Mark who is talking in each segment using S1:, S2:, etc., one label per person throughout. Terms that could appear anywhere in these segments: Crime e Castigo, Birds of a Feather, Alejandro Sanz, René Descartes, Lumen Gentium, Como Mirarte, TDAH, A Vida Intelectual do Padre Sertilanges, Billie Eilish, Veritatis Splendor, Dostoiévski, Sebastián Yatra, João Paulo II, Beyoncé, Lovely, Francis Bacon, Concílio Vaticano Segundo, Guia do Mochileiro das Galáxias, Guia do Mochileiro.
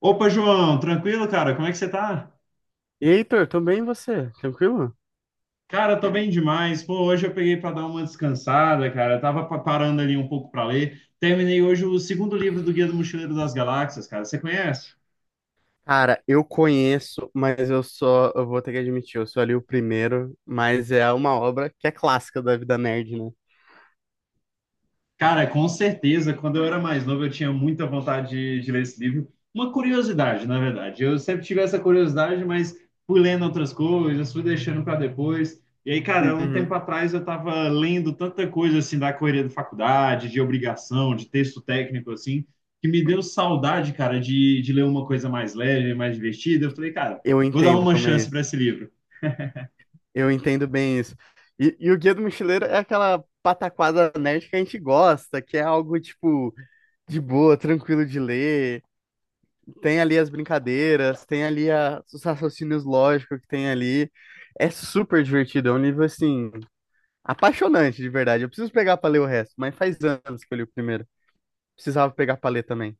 S1: Opa, João, tranquilo, cara? Como é que você tá?
S2: E Heitor, tudo bem e você? Tranquilo?
S1: Cara, tô bem demais. Pô, hoje eu peguei para dar uma descansada, cara. Eu tava parando ali um pouco para ler. Terminei hoje o segundo livro do Guia do Mochileiro das Galáxias, cara. Você conhece?
S2: Cara, eu conheço, mas eu vou ter que admitir, eu sou ali o primeiro, mas é uma obra que é clássica da vida nerd, né?
S1: Cara, com certeza, quando eu era mais novo, eu tinha muita vontade de ler esse livro. Uma curiosidade, na verdade. Eu sempre tive essa curiosidade, mas fui lendo outras coisas, fui deixando para depois. E aí, cara, um tempo
S2: Uhum.
S1: atrás eu estava lendo tanta coisa assim da correria da faculdade, de obrigação, de texto técnico assim, que me deu saudade, cara, de ler uma coisa mais leve, mais divertida. Eu falei, cara,
S2: Eu
S1: vou dar
S2: entendo
S1: uma
S2: como é
S1: chance para
S2: isso.
S1: esse livro.
S2: Eu entendo bem isso. E o Guia do Mochileiro é aquela pataquada nerd que a gente gosta, que é algo, tipo, de boa, tranquilo de ler. Tem ali as brincadeiras, tem ali os raciocínios lógicos que tem ali. É super divertido, é um livro, assim, apaixonante, de verdade. Eu preciso pegar pra ler o resto, mas faz anos que eu li o primeiro. Precisava pegar pra ler também.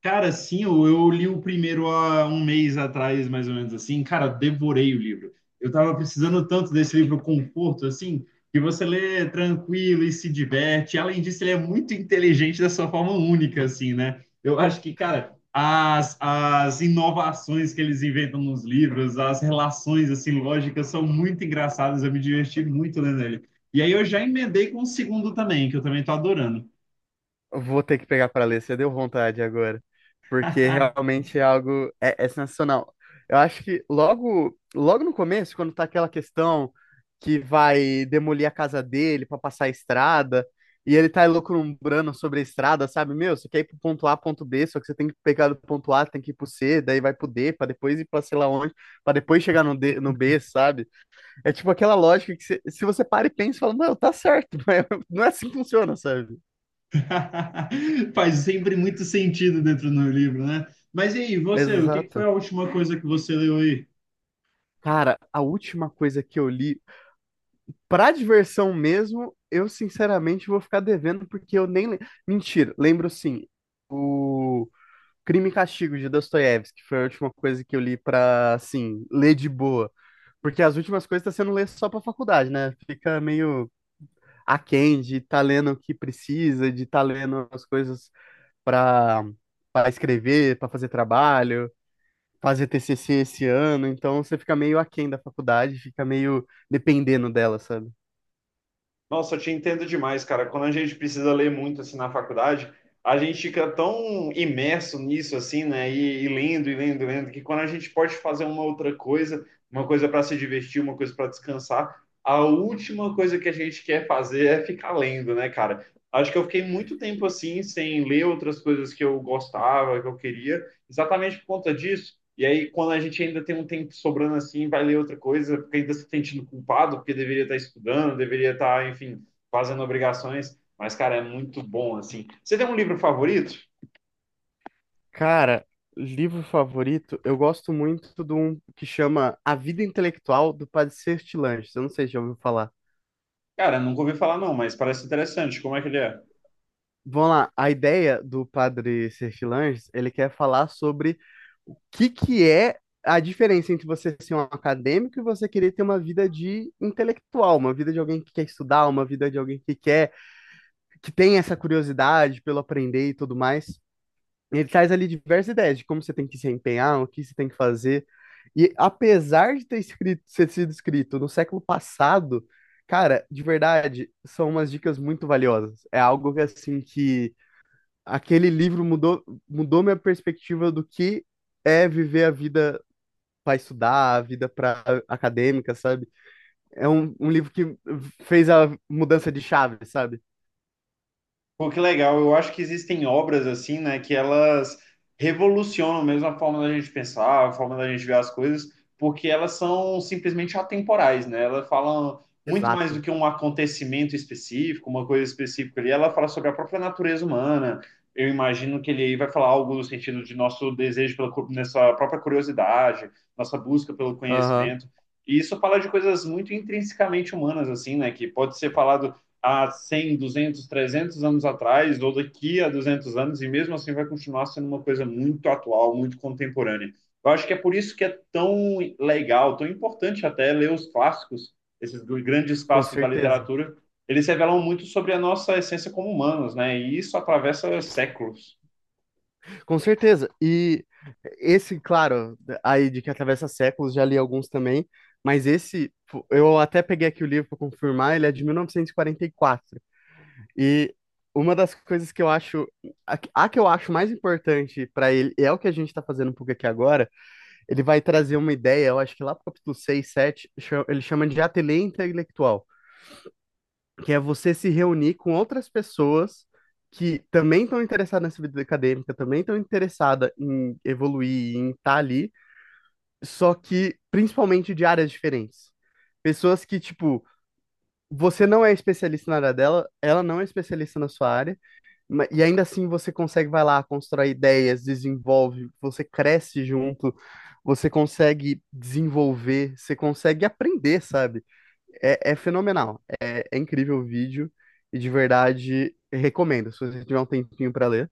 S1: Cara, sim, eu li o primeiro há um mês atrás, mais ou menos assim. Cara, devorei o livro. Eu tava precisando tanto desse livro conforto, assim, que você lê tranquilo e se diverte. Além disso, ele é muito inteligente da sua forma única, assim, né? Eu acho que, cara, as inovações que eles inventam nos livros, as relações, assim, lógicas são muito engraçadas. Eu me diverti muito lendo ele. E aí eu já emendei com o segundo também, que eu também tô adorando.
S2: Eu vou ter que pegar pra ler, você deu vontade agora. Porque realmente é algo. É, é sensacional. Eu acho que logo, logo no começo, quando tá aquela questão que vai demolir a casa dele pra passar a estrada, e ele tá elucubrando sobre a estrada, sabe? Meu, você quer ir pro ponto A, ponto B, só que você tem que pegar do ponto A, tem que ir pro C, daí vai pro D, pra depois ir pra sei lá onde, pra depois chegar no D, no B, sabe? É tipo aquela lógica que se você para e pensa, fala, não, tá certo, mas não é assim que funciona, sabe?
S1: Faz sempre muito sentido dentro do livro, né? Mas e aí, você, o que que foi
S2: Exato.
S1: a última coisa que você leu aí?
S2: Cara, a última coisa que eu li, pra diversão mesmo, eu sinceramente vou ficar devendo, porque eu nem. Le- mentira, lembro sim. O Crime e Castigo de Dostoiévski, que foi a última coisa que eu li pra, assim, ler de boa. Porque as últimas coisas tá sendo ler só pra faculdade, né? Fica meio aquém de tá lendo o que precisa, de tá lendo as coisas para para escrever, para fazer trabalho, fazer TCC esse ano, então você fica meio aquém da faculdade, fica meio dependendo dela, sabe?
S1: Nossa, eu te entendo demais, cara. Quando a gente precisa ler muito assim na faculdade, a gente fica tão imerso nisso assim, né? E lendo, e lendo, e lendo, que quando a gente pode fazer uma outra coisa, uma coisa para se divertir, uma coisa para descansar, a última coisa que a gente quer fazer é ficar lendo, né, cara? Acho que eu fiquei muito tempo assim sem ler outras coisas que eu gostava, que eu queria, exatamente por conta disso. E aí, quando a gente ainda tem um tempo sobrando assim, vai ler outra coisa, porque ainda se sentindo culpado, porque deveria estar estudando, deveria estar, enfim, fazendo obrigações. Mas, cara, é muito bom, assim. Você tem um livro favorito?
S2: Cara, livro favorito, eu gosto muito de um que chama A Vida Intelectual do Padre Sertilanges. Eu não sei se já ouviu falar.
S1: Cara, nunca ouvi falar, não, mas parece interessante. Como é que ele é?
S2: Vamos lá, a ideia do Padre Sertilanges, ele quer falar sobre o que que é a diferença entre você ser um acadêmico e você querer ter uma vida de intelectual, uma vida de alguém que quer estudar, uma vida de alguém que quer que tem essa curiosidade pelo aprender e tudo mais. Ele traz ali diversas ideias de como você tem que se empenhar, o que você tem que fazer. E apesar de ter escrito, ter sido escrito no século passado, cara, de verdade, são umas dicas muito valiosas. É algo que assim que aquele livro mudou, mudou minha perspectiva do que é viver a vida para estudar, a vida para acadêmica, sabe? É um livro que fez a mudança de chave, sabe?
S1: Pô, que legal. Eu acho que existem obras assim, né, que elas revolucionam mesmo a forma da gente pensar, a forma da gente ver as coisas, porque elas são simplesmente atemporais, né? Elas falam muito mais do
S2: Exato.
S1: que um acontecimento específico, uma coisa específica ali. Ela fala sobre a própria natureza humana. Eu imagino que ele aí vai falar algo no sentido de nosso desejo pela nessa própria curiosidade, nossa busca pelo
S2: Aham,
S1: conhecimento. E isso fala de coisas muito intrinsecamente humanas, assim, né? Que pode ser falado há 100, 200, 300 anos atrás, ou daqui a 200 anos, e mesmo assim vai continuar sendo uma coisa muito atual, muito contemporânea. Eu acho que é por isso que é tão legal, tão importante até ler os clássicos, esses grandes
S2: com
S1: clássicos da
S2: certeza.
S1: literatura, eles revelam muito sobre a nossa essência como humanos, né? E isso atravessa séculos.
S2: Com certeza. E esse, claro, aí de que atravessa séculos, já li alguns também, mas esse, pô, eu até peguei aqui o livro para confirmar, ele é de 1944. E quarenta e quatro. E uma das coisas que eu acho, a que eu acho mais importante para ele, e é o que a gente está fazendo um pouco aqui agora, ele vai trazer uma ideia, eu acho que lá pro capítulo 6 7 ele chama de ateliê intelectual que é você se reunir com outras pessoas que também estão interessadas nessa vida acadêmica, também estão interessadas em evoluir, em estar ali, só que principalmente de áreas diferentes. Pessoas que, tipo, você não é especialista na área dela, ela não é especialista na sua área, e ainda assim você consegue, vai lá, constrói ideias, desenvolve, você cresce junto, você consegue desenvolver, você consegue aprender, sabe? É, é fenomenal. É, é incrível o vídeo e de verdade recomendo, se você tiver um tempinho para ler.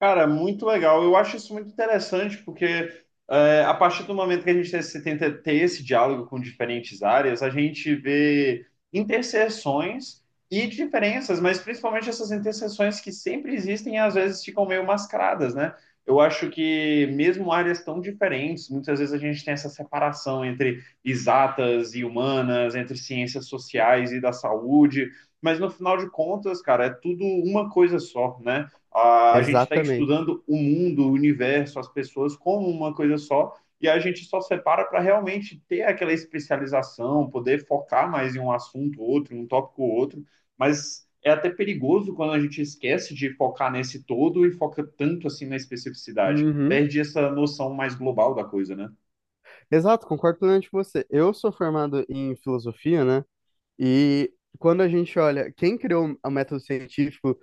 S1: Cara, muito legal. Eu acho isso muito interessante, porque é, a partir do momento que a gente tenta ter esse diálogo com diferentes áreas, a gente vê interseções e diferenças, mas principalmente essas interseções que sempre existem e às vezes ficam meio mascaradas, né? Eu acho que mesmo áreas tão diferentes, muitas vezes a gente tem essa separação entre exatas e humanas, entre ciências sociais e da saúde, mas no final de contas, cara, é tudo uma coisa só, né? A, gente está
S2: Exatamente.
S1: estudando o mundo, o universo, as pessoas como uma coisa só, e a gente só separa para realmente ter aquela especialização, poder focar mais em um assunto ou outro, em um tópico ou outro, mas é até perigoso quando a gente esquece de focar nesse todo e foca tanto assim na especificidade.
S2: Uhum.
S1: Perde essa noção mais global da coisa, né?
S2: Exato, concordo plenamente com você. Eu sou formado em filosofia, né? E quando a gente olha quem criou o método científico,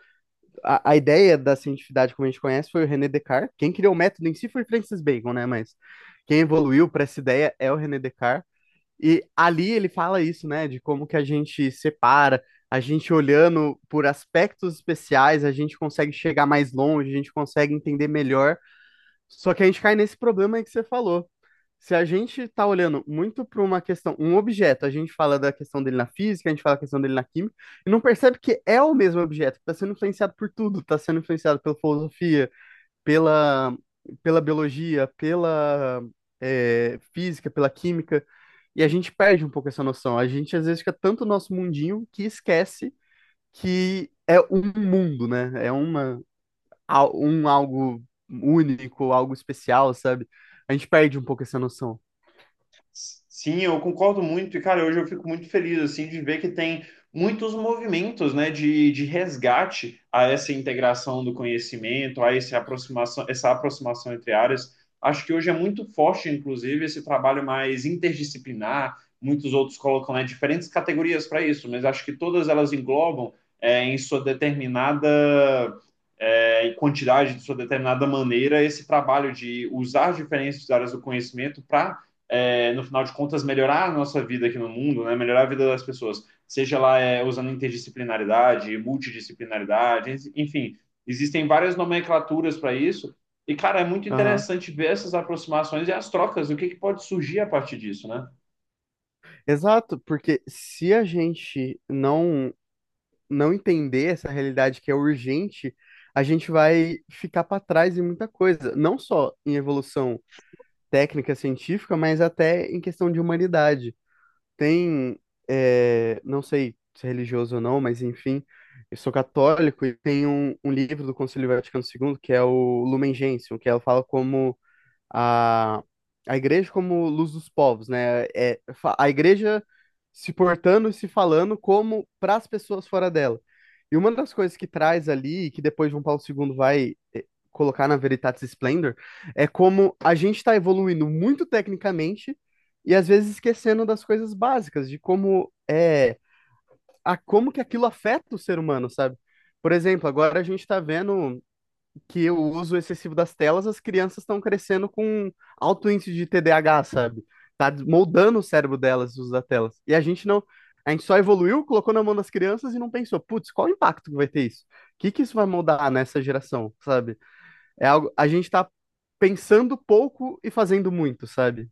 S2: a ideia da cientificidade como a gente conhece foi o René Descartes. Quem criou o método em si foi Francis Bacon, né? Mas quem evoluiu para essa ideia é o René Descartes. E ali ele fala isso, né, de como que a gente separa, a gente olhando por aspectos especiais, a gente consegue chegar mais longe, a gente consegue entender melhor. Só que a gente cai nesse problema aí que você falou. Se a gente tá olhando muito para uma questão, um objeto, a gente fala da questão dele na física, a gente fala da questão dele na química, e não percebe que é o mesmo objeto, que está sendo influenciado por tudo, está sendo influenciado pela filosofia, pela, pela biologia, pela física, pela química, e a gente perde um pouco essa noção. A gente às vezes fica tanto no nosso mundinho que esquece que é um mundo, né? É uma, um algo único, algo especial, sabe? A gente perde um pouco essa noção.
S1: Sim, eu concordo muito. E, cara, hoje eu fico muito feliz, assim, de ver que tem muitos movimentos, né, de resgate a essa integração do conhecimento, a essa aproximação entre áreas. Acho que hoje é muito forte, inclusive, esse trabalho mais interdisciplinar. Muitos outros colocam, né, diferentes categorias para isso, mas acho que todas elas englobam, é, em sua determinada é, quantidade, de sua determinada maneira, esse trabalho de usar as diferentes áreas do conhecimento para é, no final de contas, melhorar a nossa vida aqui no mundo, né? Melhorar a vida das pessoas, seja lá é, usando interdisciplinaridade, multidisciplinaridade, enfim, existem várias nomenclaturas para isso. E, cara, é muito
S2: Aham.
S1: interessante ver essas aproximações e as trocas, o que, que pode surgir a partir disso, né?
S2: Exato, porque se a gente não entender essa realidade que é urgente, a gente vai ficar para trás em muita coisa, não só em evolução técnica científica, mas até em questão de humanidade. Tem, é, não sei se é religioso ou não, mas enfim, eu sou católico e tem um livro do Concílio Vaticano segundo que é o Lumen Gentium, que ela fala como a, a igreja como luz dos povos, né? É, a igreja se portando e se falando como para as pessoas fora dela. E uma das coisas que traz ali, que depois João Paulo II vai colocar na Veritatis Splendor, é como a gente está evoluindo muito tecnicamente e às vezes esquecendo das coisas básicas, de como a como que aquilo afeta o ser humano, sabe? Por exemplo, agora a gente está vendo que o uso excessivo das telas, as crianças estão crescendo com alto índice de TDAH, sabe? Tá moldando o cérebro delas o uso das telas. E a gente não, a gente só evoluiu, colocou na mão das crianças e não pensou, putz, qual o impacto que vai ter isso? O que que isso vai moldar nessa geração, sabe? É algo, a gente tá pensando pouco e fazendo muito, sabe?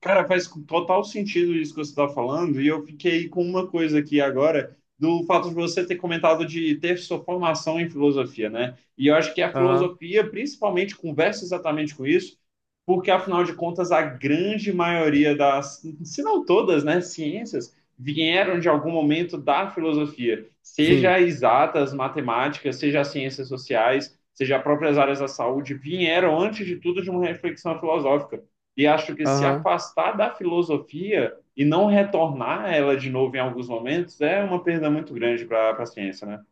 S1: Cara, faz total sentido isso que você está falando, e eu fiquei com uma coisa aqui agora, do fato de você ter comentado de ter sua formação em filosofia, né? E eu acho que a
S2: Aham,
S1: filosofia, principalmente, conversa exatamente com isso, porque, afinal de contas, a grande maioria das, se não todas, né, ciências vieram de algum momento da filosofia,
S2: sim,
S1: seja exatas, matemática, seja as ciências sociais, seja as próprias áreas da saúde, vieram, antes de tudo, de uma reflexão filosófica. E acho que se
S2: aham,
S1: afastar da filosofia e não retornar ela de novo em alguns momentos é uma perda muito grande para a ciência, né?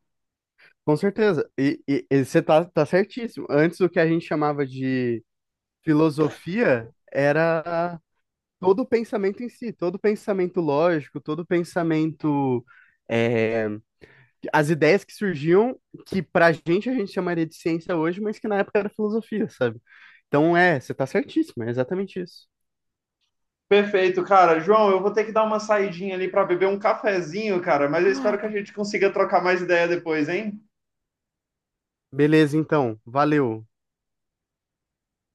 S2: com certeza. E você tá certíssimo. Antes o que a gente chamava de filosofia era todo pensamento em si, todo pensamento lógico, todo pensamento. É, as ideias que surgiam, que pra gente a gente chamaria de ciência hoje, mas que na época era filosofia, sabe? Então é, você tá certíssimo, é exatamente isso.
S1: Perfeito, cara. João, eu vou ter que dar uma saidinha ali para beber um cafezinho, cara, mas eu espero que a gente consiga trocar mais ideia depois, hein?
S2: Beleza, então, valeu.